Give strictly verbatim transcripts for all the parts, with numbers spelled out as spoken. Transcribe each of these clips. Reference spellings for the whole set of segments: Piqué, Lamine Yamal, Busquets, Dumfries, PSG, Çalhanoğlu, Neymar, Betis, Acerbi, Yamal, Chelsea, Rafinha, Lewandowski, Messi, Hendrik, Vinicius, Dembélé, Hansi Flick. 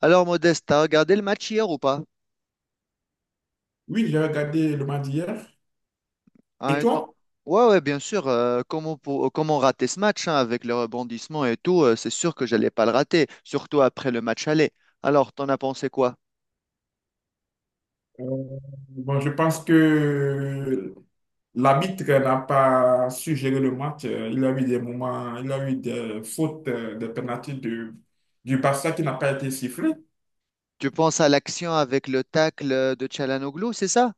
Alors, Modeste, t'as regardé le match hier ou pas? Oui, j'ai regardé le match d'hier. À Et un temps- toi? Ouais, ouais, bien sûr. Euh, comment, pour... comment rater ce match hein, avec le rebondissement et tout, euh, c'est sûr que j'allais pas le rater, surtout après le match aller. Alors, t'en as pensé quoi? Euh, Bon, je pense que l'arbitre n'a pas su gérer le match. Euh, Il a eu des moments, il a eu des fautes, euh, des pénalités de, du Barça qui n'a pas été sifflé. Tu penses à l'action avec le tacle euh, de Çalhanoğlu, c'est ça?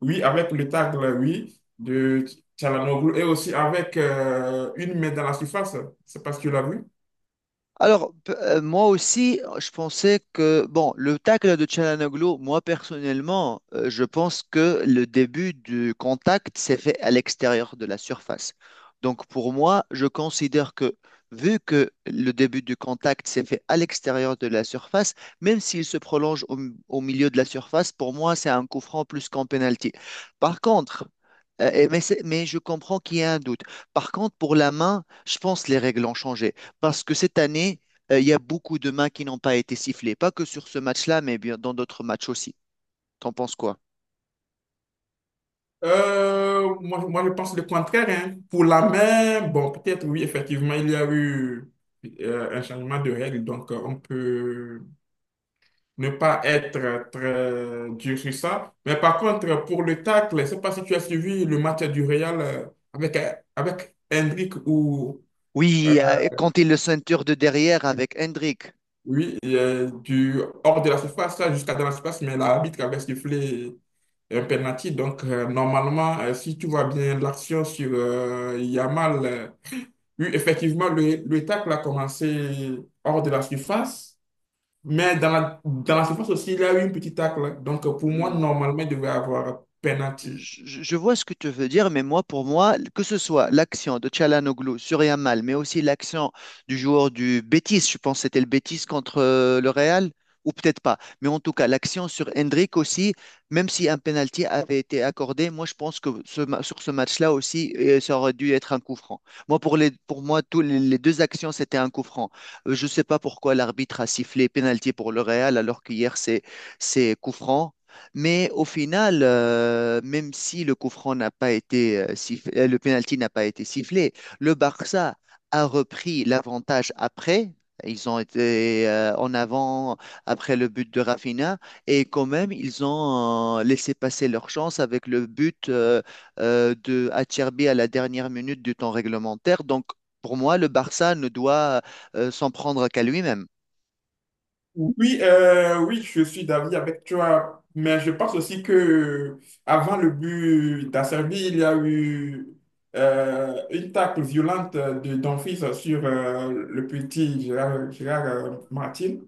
Oui, avec le tacle, oui, de Çalhanoğlu et aussi avec euh, une main dans la surface. C'est parce que tu l'as vu. Alors, p- euh, moi aussi, je pensais que, bon, le tacle de Çalhanoğlu, moi personnellement, euh, je pense que le début du contact s'est fait à l'extérieur de la surface. Donc, pour moi, je considère que, vu que le début du contact s'est fait à l'extérieur de la surface, même s'il se prolonge au, au milieu de la surface, pour moi, c'est un coup franc plus qu'un penalty. Par contre, euh, et- mais, c'est- mais je comprends qu'il y a un doute. Par contre, pour la main, je pense que les règles ont changé parce que cette année, euh, il y a beaucoup de mains qui n'ont pas été sifflées. Pas que sur ce match-là, mais bien dans d'autres matchs aussi. T'en penses quoi? Euh, moi, moi, je pense le contraire, hein. Pour la main, bon, peut-être oui, effectivement, il y a eu euh, un changement de règle, donc euh, on peut ne pas être très dur sur ça. Mais par contre, pour le tacle, je ne sais pas si tu as suivi le match du Real euh, avec, euh, avec Hendrik ou euh, Oui, euh, quand il le ceinture de derrière avec Hendrik. oui, euh, du hors de la surface, là, jusqu'à dans la surface, mais l'arbitre avait sifflé un penalty. Donc, euh, normalement, euh, si tu vois bien l'action sur euh, Yamal. euh, Oui, effectivement, le, le tacle a commencé hors de la surface, mais dans la, dans la surface aussi, il y a eu une petite tacle, hein. Donc, pour moi, normalement, il devait y avoir penalty. Je je vois ce que tu veux dire, mais moi, pour moi, que ce soit l'action de Çalhanoğlu sur Yamal, mais aussi l'action du joueur du Betis, je pense que c'était le Betis contre euh, le Real, ou peut-être pas, mais en tout cas, l'action sur Hendrik aussi, même si un penalty avait été accordé, moi, je pense que ce ma- sur ce match-là aussi, euh, ça aurait dû être un coup franc. Moi, pour les, pour moi, tous les, les deux actions, c'était un coup franc. Euh, je ne sais pas pourquoi l'arbitre a sifflé penalty pour le Real, alors qu'hier, c'est c'est coup franc. Mais au final, euh, même si le coup franc n'a pas été euh, sifflé, euh, le penalty n'a pas été sifflé, le Barça a repris l'avantage après. Ils ont été euh, en avant après le but de Rafinha et quand même ils ont euh, laissé passer leur chance avec le but euh, euh, de Acerbi à la dernière minute du temps réglementaire. Donc pour moi, le Barça ne doit euh, s'en prendre qu'à lui-même. Oui, euh, oui, je suis d'avis avec toi, mais je pense aussi que euh, avant le but d'Acerbi, il y a eu euh, une tacle violente de Dumfries sur euh, le petit Gérard, Gérard, euh, Martin.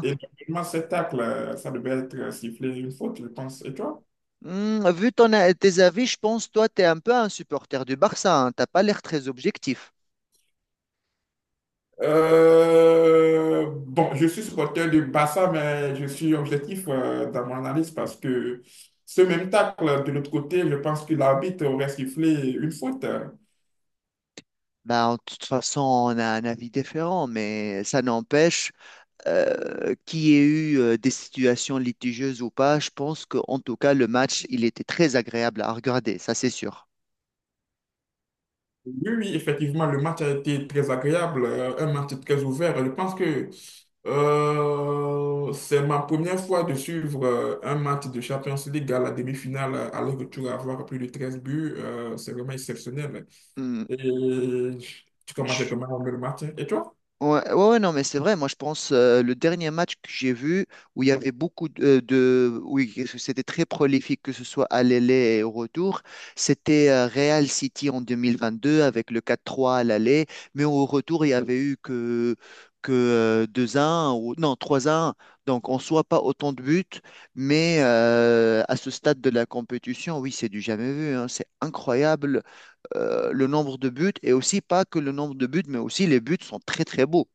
Et normalement, cette tacle, euh, ça devait être sifflé une faute, je pense. Et toi? Hmm, vu ton, a- tes avis, je pense toi, tu es un peu un supporter du Barça, hein. T'as pas l'air très objectif. Euh, bon, je suis supporter du Barça, mais je suis objectif euh, dans mon analyse parce que ce même tacle de l'autre côté, je pense que l'arbitre aurait sifflé une faute. Bah, de toute façon, on a un avis différent, mais ça n'empêche euh, qu'il y ait eu euh, des situations litigieuses ou pas. Je pense qu'en tout cas, le match, il était très agréable à regarder, ça c'est sûr. Oui, oui, effectivement, le match a été très agréable, euh, un match très ouvert. Je pense que euh, c'est ma première fois de suivre euh, un match de Champions League à la demi-finale, euh, alors que tu vas avoir plus de treize buts. Euh, c'est vraiment exceptionnel. Hmm, Et tu commences je, comment le match, hein? Et toi? Ouais, ouais, ouais, non, mais c'est vrai. Moi, je pense euh, le dernier match que j'ai vu où il y avait beaucoup de, de- oui, que c'était très prolifique, que ce soit à l'aller et au retour, c'était euh, Real City en deux mille vingt-deux avec le quatre trois à l'aller, mais au retour, il y avait eu que que euh, deux un ou non trois un. Donc, en soit pas autant de buts, mais euh, à ce stade de la compétition, oui, c'est du jamais vu, hein. C'est incroyable euh, le nombre de buts et aussi pas que le nombre de buts, mais aussi les buts sont très très beaux.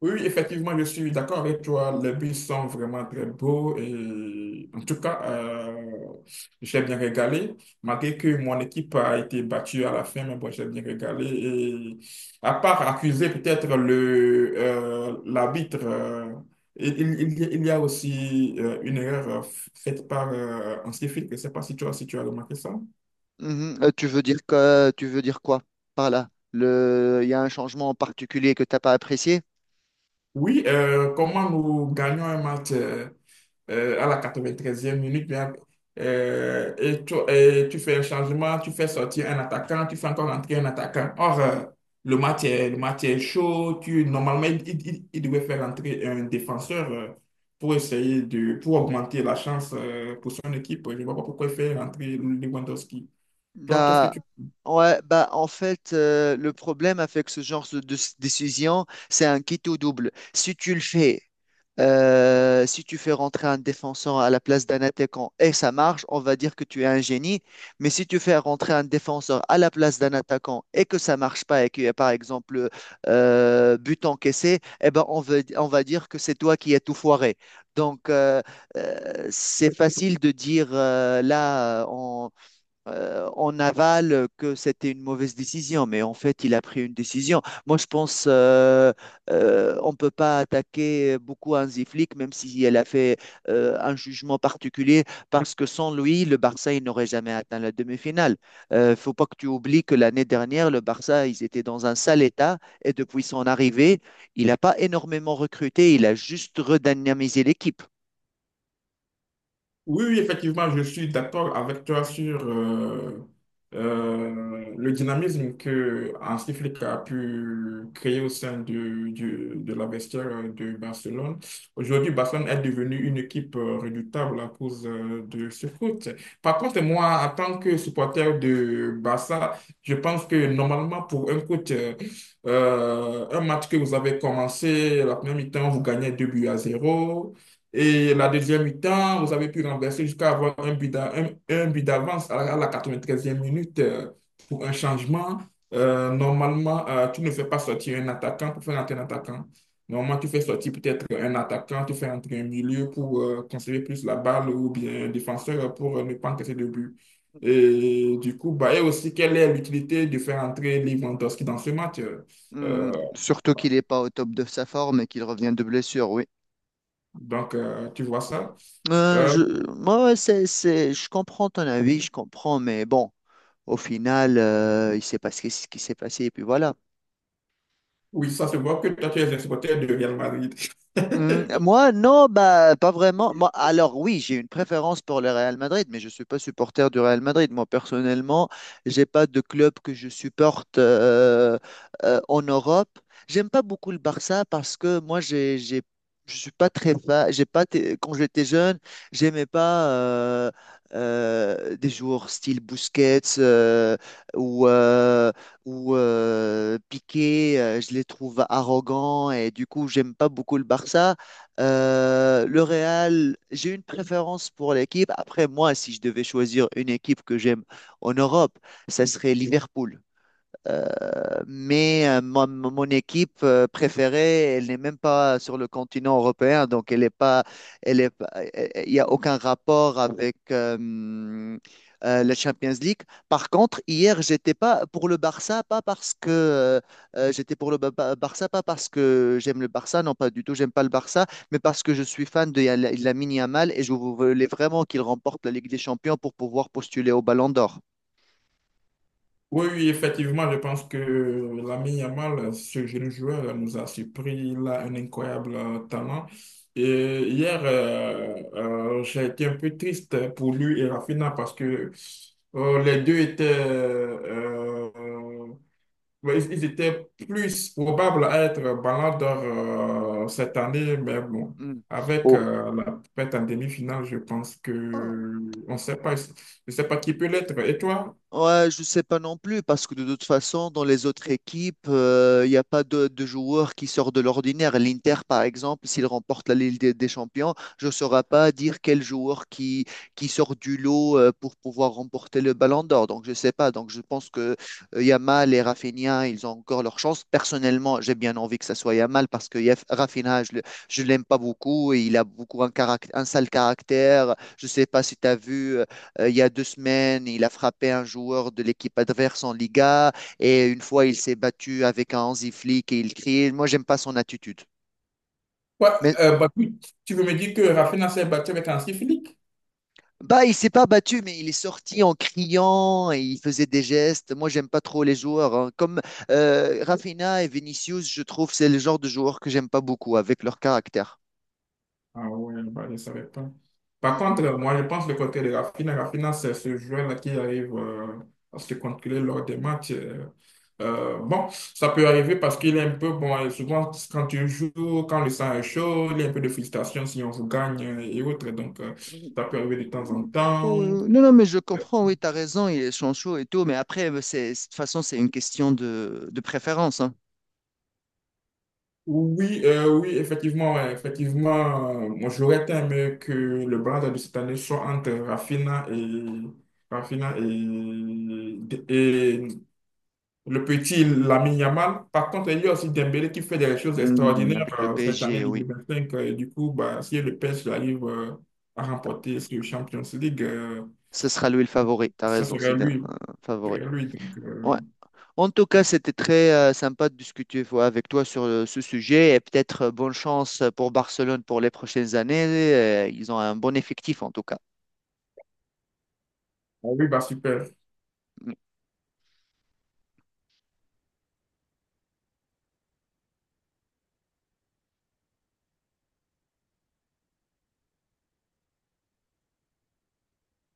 Oui, oui, effectivement, je suis d'accord avec toi. Les bus sont vraiment très beaux et en tout cas, euh, j'ai bien régalé. Malgré que mon équipe a été battue à la fin, mais bon, j'ai bien régalé. Et à part accuser peut-être le euh, l'arbitre, euh, il, il- il y a il y a aussi euh, une erreur euh, faite par euh, un civil. Je ne sais pas si tu as, si tu as remarqué ça. Mhm. Euh, tu veux dire que, tu veux dire quoi par là? Le, il y a un changement en particulier que t'as pas apprécié? Oui, euh, comment nous gagnons un match euh, euh, à la quatre-vingt-treizième minute, bien, euh, et, tu, et tu fais un changement, tu fais sortir un attaquant, tu fais encore entrer un attaquant. Or, euh, le match est, le match est chaud, tu, normalement, il, il, il- il devait faire entrer un défenseur euh, pour essayer de, pour augmenter la chance euh, pour son équipe. Je ne vois pas pourquoi il fait entrer Lewandowski. Toi, qu'est-ce que Bah, tu... ouais, bah, en fait, euh, le problème avec ce genre de, de décision, c'est un quitte ou double. Si tu le fais Euh, si tu fais rentrer un défenseur à la place d'un attaquant et ça marche, on va dire que tu es un génie. Mais si tu fais rentrer un défenseur à la place d'un attaquant et que ça marche pas et qu'il y a par exemple euh, but encaissé, eh ben on veut- on va dire que c'est toi qui as tout foiré. Donc euh, euh, c'est facile de dire euh, là euh, en aval euh, que c'était une mauvaise décision, mais en fait, il a pris une décision. Moi, je pense euh, euh, on ne peut pas attaquer beaucoup Hansi Flick, même si elle a fait euh, un jugement particulier, parce que sans lui, le Barça, il n'aurait jamais atteint la demi-finale. Ne faut pas que tu oublies que l'année dernière, le Barça, ils étaient dans un sale état, et depuis son arrivée, il n'a pas énormément recruté, il a juste redynamisé l'équipe. Oui, oui, effectivement, je suis d'accord avec toi sur euh, euh, le dynamisme que Hansi Flick a pu créer au sein de, du- de la vestiaire de Barcelone. Aujourd'hui, Barcelone est devenue une équipe euh, redoutable à cause euh, de ce foot. Par contre, moi, en tant que supporter de Barça, je pense que normalement, pour un coach, euh, euh, un match que vous avez commencé, la première mi-temps, vous gagnez deux buts à zéro. Et la deuxième mi-temps, vous avez pu renverser jusqu'à avoir un but d'a- un- un but d'avance à la à la quatre-vingt-treizième minute euh, pour un changement. Euh, normalement, euh, tu ne fais pas sortir un attaquant pour faire entrer un attaquant. Normalement, tu fais sortir peut-être un attaquant, tu fais entrer un milieu pour euh, conserver plus la balle ou bien un défenseur pour euh, ne pas encaisser de but. Et du coup, bah, et aussi, quelle est l'utilité de faire entrer Lewandowski dans ce match? euh, Hmm, euh, surtout qu'il n'est pas au top de sa forme et qu'il revient de blessure, oui. donc, euh, tu vois ça. Euh, Euh, je, Moi, ouais, c'est, c'est, je comprends ton avis, je comprends, mais bon, au final, euh, il s'est passé ce qui s'est passé, et puis voilà. Oui, ça se voit que toi, tu es un supporter de Real Madrid. Hmm, moi, non, bah, pas vraiment. Moi, alors oui, j'ai une préférence pour le Real Madrid, mais je ne suis pas supporter du Real Madrid. Moi, personnellement, j'ai pas de club que je supporte euh, euh, en Europe. J'aime pas beaucoup le Barça parce que moi, j'ai, j'ai, je suis pas très fan. J'ai pas, été- Quand j'étais jeune, j'aimais pas euh, euh, des joueurs style Busquets euh, ou euh, où euh, Piqué, euh, je les trouve arrogants et du coup, j'aime pas beaucoup le Barça. Euh, le Real, j'ai une préférence pour l'équipe. Après, moi, si je devais choisir une équipe que j'aime en Europe, ça serait Liverpool. Euh, mais euh, mon, Mon équipe euh, préférée, elle n'est même pas sur le continent européen, donc elle est pas, elle est, pas- euh, euh, il y a aucun rapport avec euh, euh, la Champions League. Par contre, hier, j'étais pas pour le Barça, pas parce que euh, euh, j'étais pour le Ba- Ba- Barça, pas parce que j'aime le Barça, non pas du tout, j'aime pas le Barça, mais parce que je suis fan de Yala- Lamine Yamal et je voulais vraiment qu'il remporte la Ligue des Champions pour pouvoir postuler au Ballon d'Or. Oui, oui, effectivement, je pense que l'ami Yamal, ce jeune joueur, nous a surpris. Il a un incroyable euh, talent. Et hier, euh, euh, j'ai été un peu triste pour lui et Rafinha parce que euh, les deux étaient euh, euh, mais ils ils étaient plus probables à être Ballon d'Or euh, cette année, mais bon, Hmm. avec euh, la pète en demi-finale, je pense que Oh. on ne sait pas, je ne sais pas qui peut l'être. Et toi? Ouais, je sais pas non plus, parce que de toute façon, dans les autres équipes, il n'y a pas de, de joueurs qui sortent de l'ordinaire. L'Inter, par exemple, s'il remporte la Ligue des, des Champions, je ne saurais pas dire quel joueur qui, qui sort du lot euh, pour pouvoir remporter le Ballon d'Or. Donc, je sais pas. Donc, je pense que euh, Yamal et Rafinha, ils ont encore leur chance. Personnellement, j'ai bien envie que ça soit Yamal, parce que Yaf- Rafinha, je, le- je l'aime pas beaucoup, et il a beaucoup un, caract- un sale caractère. Je sais pas si tu as vu. Euh, il y a deux semaines, il a frappé un joueur de l'équipe adverse en Liga et une fois, il s'est battu avec un Hansi Flick et il crie. Moi, j'aime pas son attitude. Quoi, Mais euh, bah, tu tu veux me dire que Rafinha s'est battu avec un Flick? bah, il s'est pas battu, mais il est sorti en criant et il faisait des gestes. Moi, j'aime pas trop les joueurs, hein. Comme euh, Rafinha et Vinicius, je trouve c'est le genre de joueurs que j'aime pas beaucoup avec leur caractère. Ah ouais, bah, je ne savais pas. Par contre, euh, moi, je pense le côté de Rafinha. Rafinha, c'est ce joueur-là qui arrive euh, à se contrôler lors des matchs, euh. Euh, bon, ça peut arriver parce qu'il est un peu bon, et souvent, quand tu joues, quand le sang est chaud, il y a un peu de frustration si on vous gagne euh, et autres. Donc, euh, ça Mm. peut arriver de temps en Oh, temps. euh, non, non, mais je comprends, oui, tu as raison, il est chaud et tout, mais après, euh, c'est, de toute façon, c'est une question de, de préférence, hein. Oui, euh, oui, effectivement, ouais, effectivement, euh, moi j'aurais aimé que le Barça de cette année soit entre Rafinha et Rafinha et, et le petit Lamine Yamal. Par contre, il y a aussi Dembélé qui fait des choses Hmm, extraordinaires avec le euh, cette année P S G, oui. deux mille vingt-cinq. euh, Et du coup, bah, si le P S G arrive euh, à remporter ce Champions League, euh, Ce sera lui le favori, t'as ça raison, serait c'est un lui. Ça favori. serait lui. Donc, euh, Ouais. En tout cas, c'était très euh, sympa de discuter voilà, avec toi sur euh, ce sujet et peut-être euh, bonne chance pour Barcelone pour les prochaines années. Euh, ils ont un bon effectif en tout cas. ah oui, bah, super. Mm.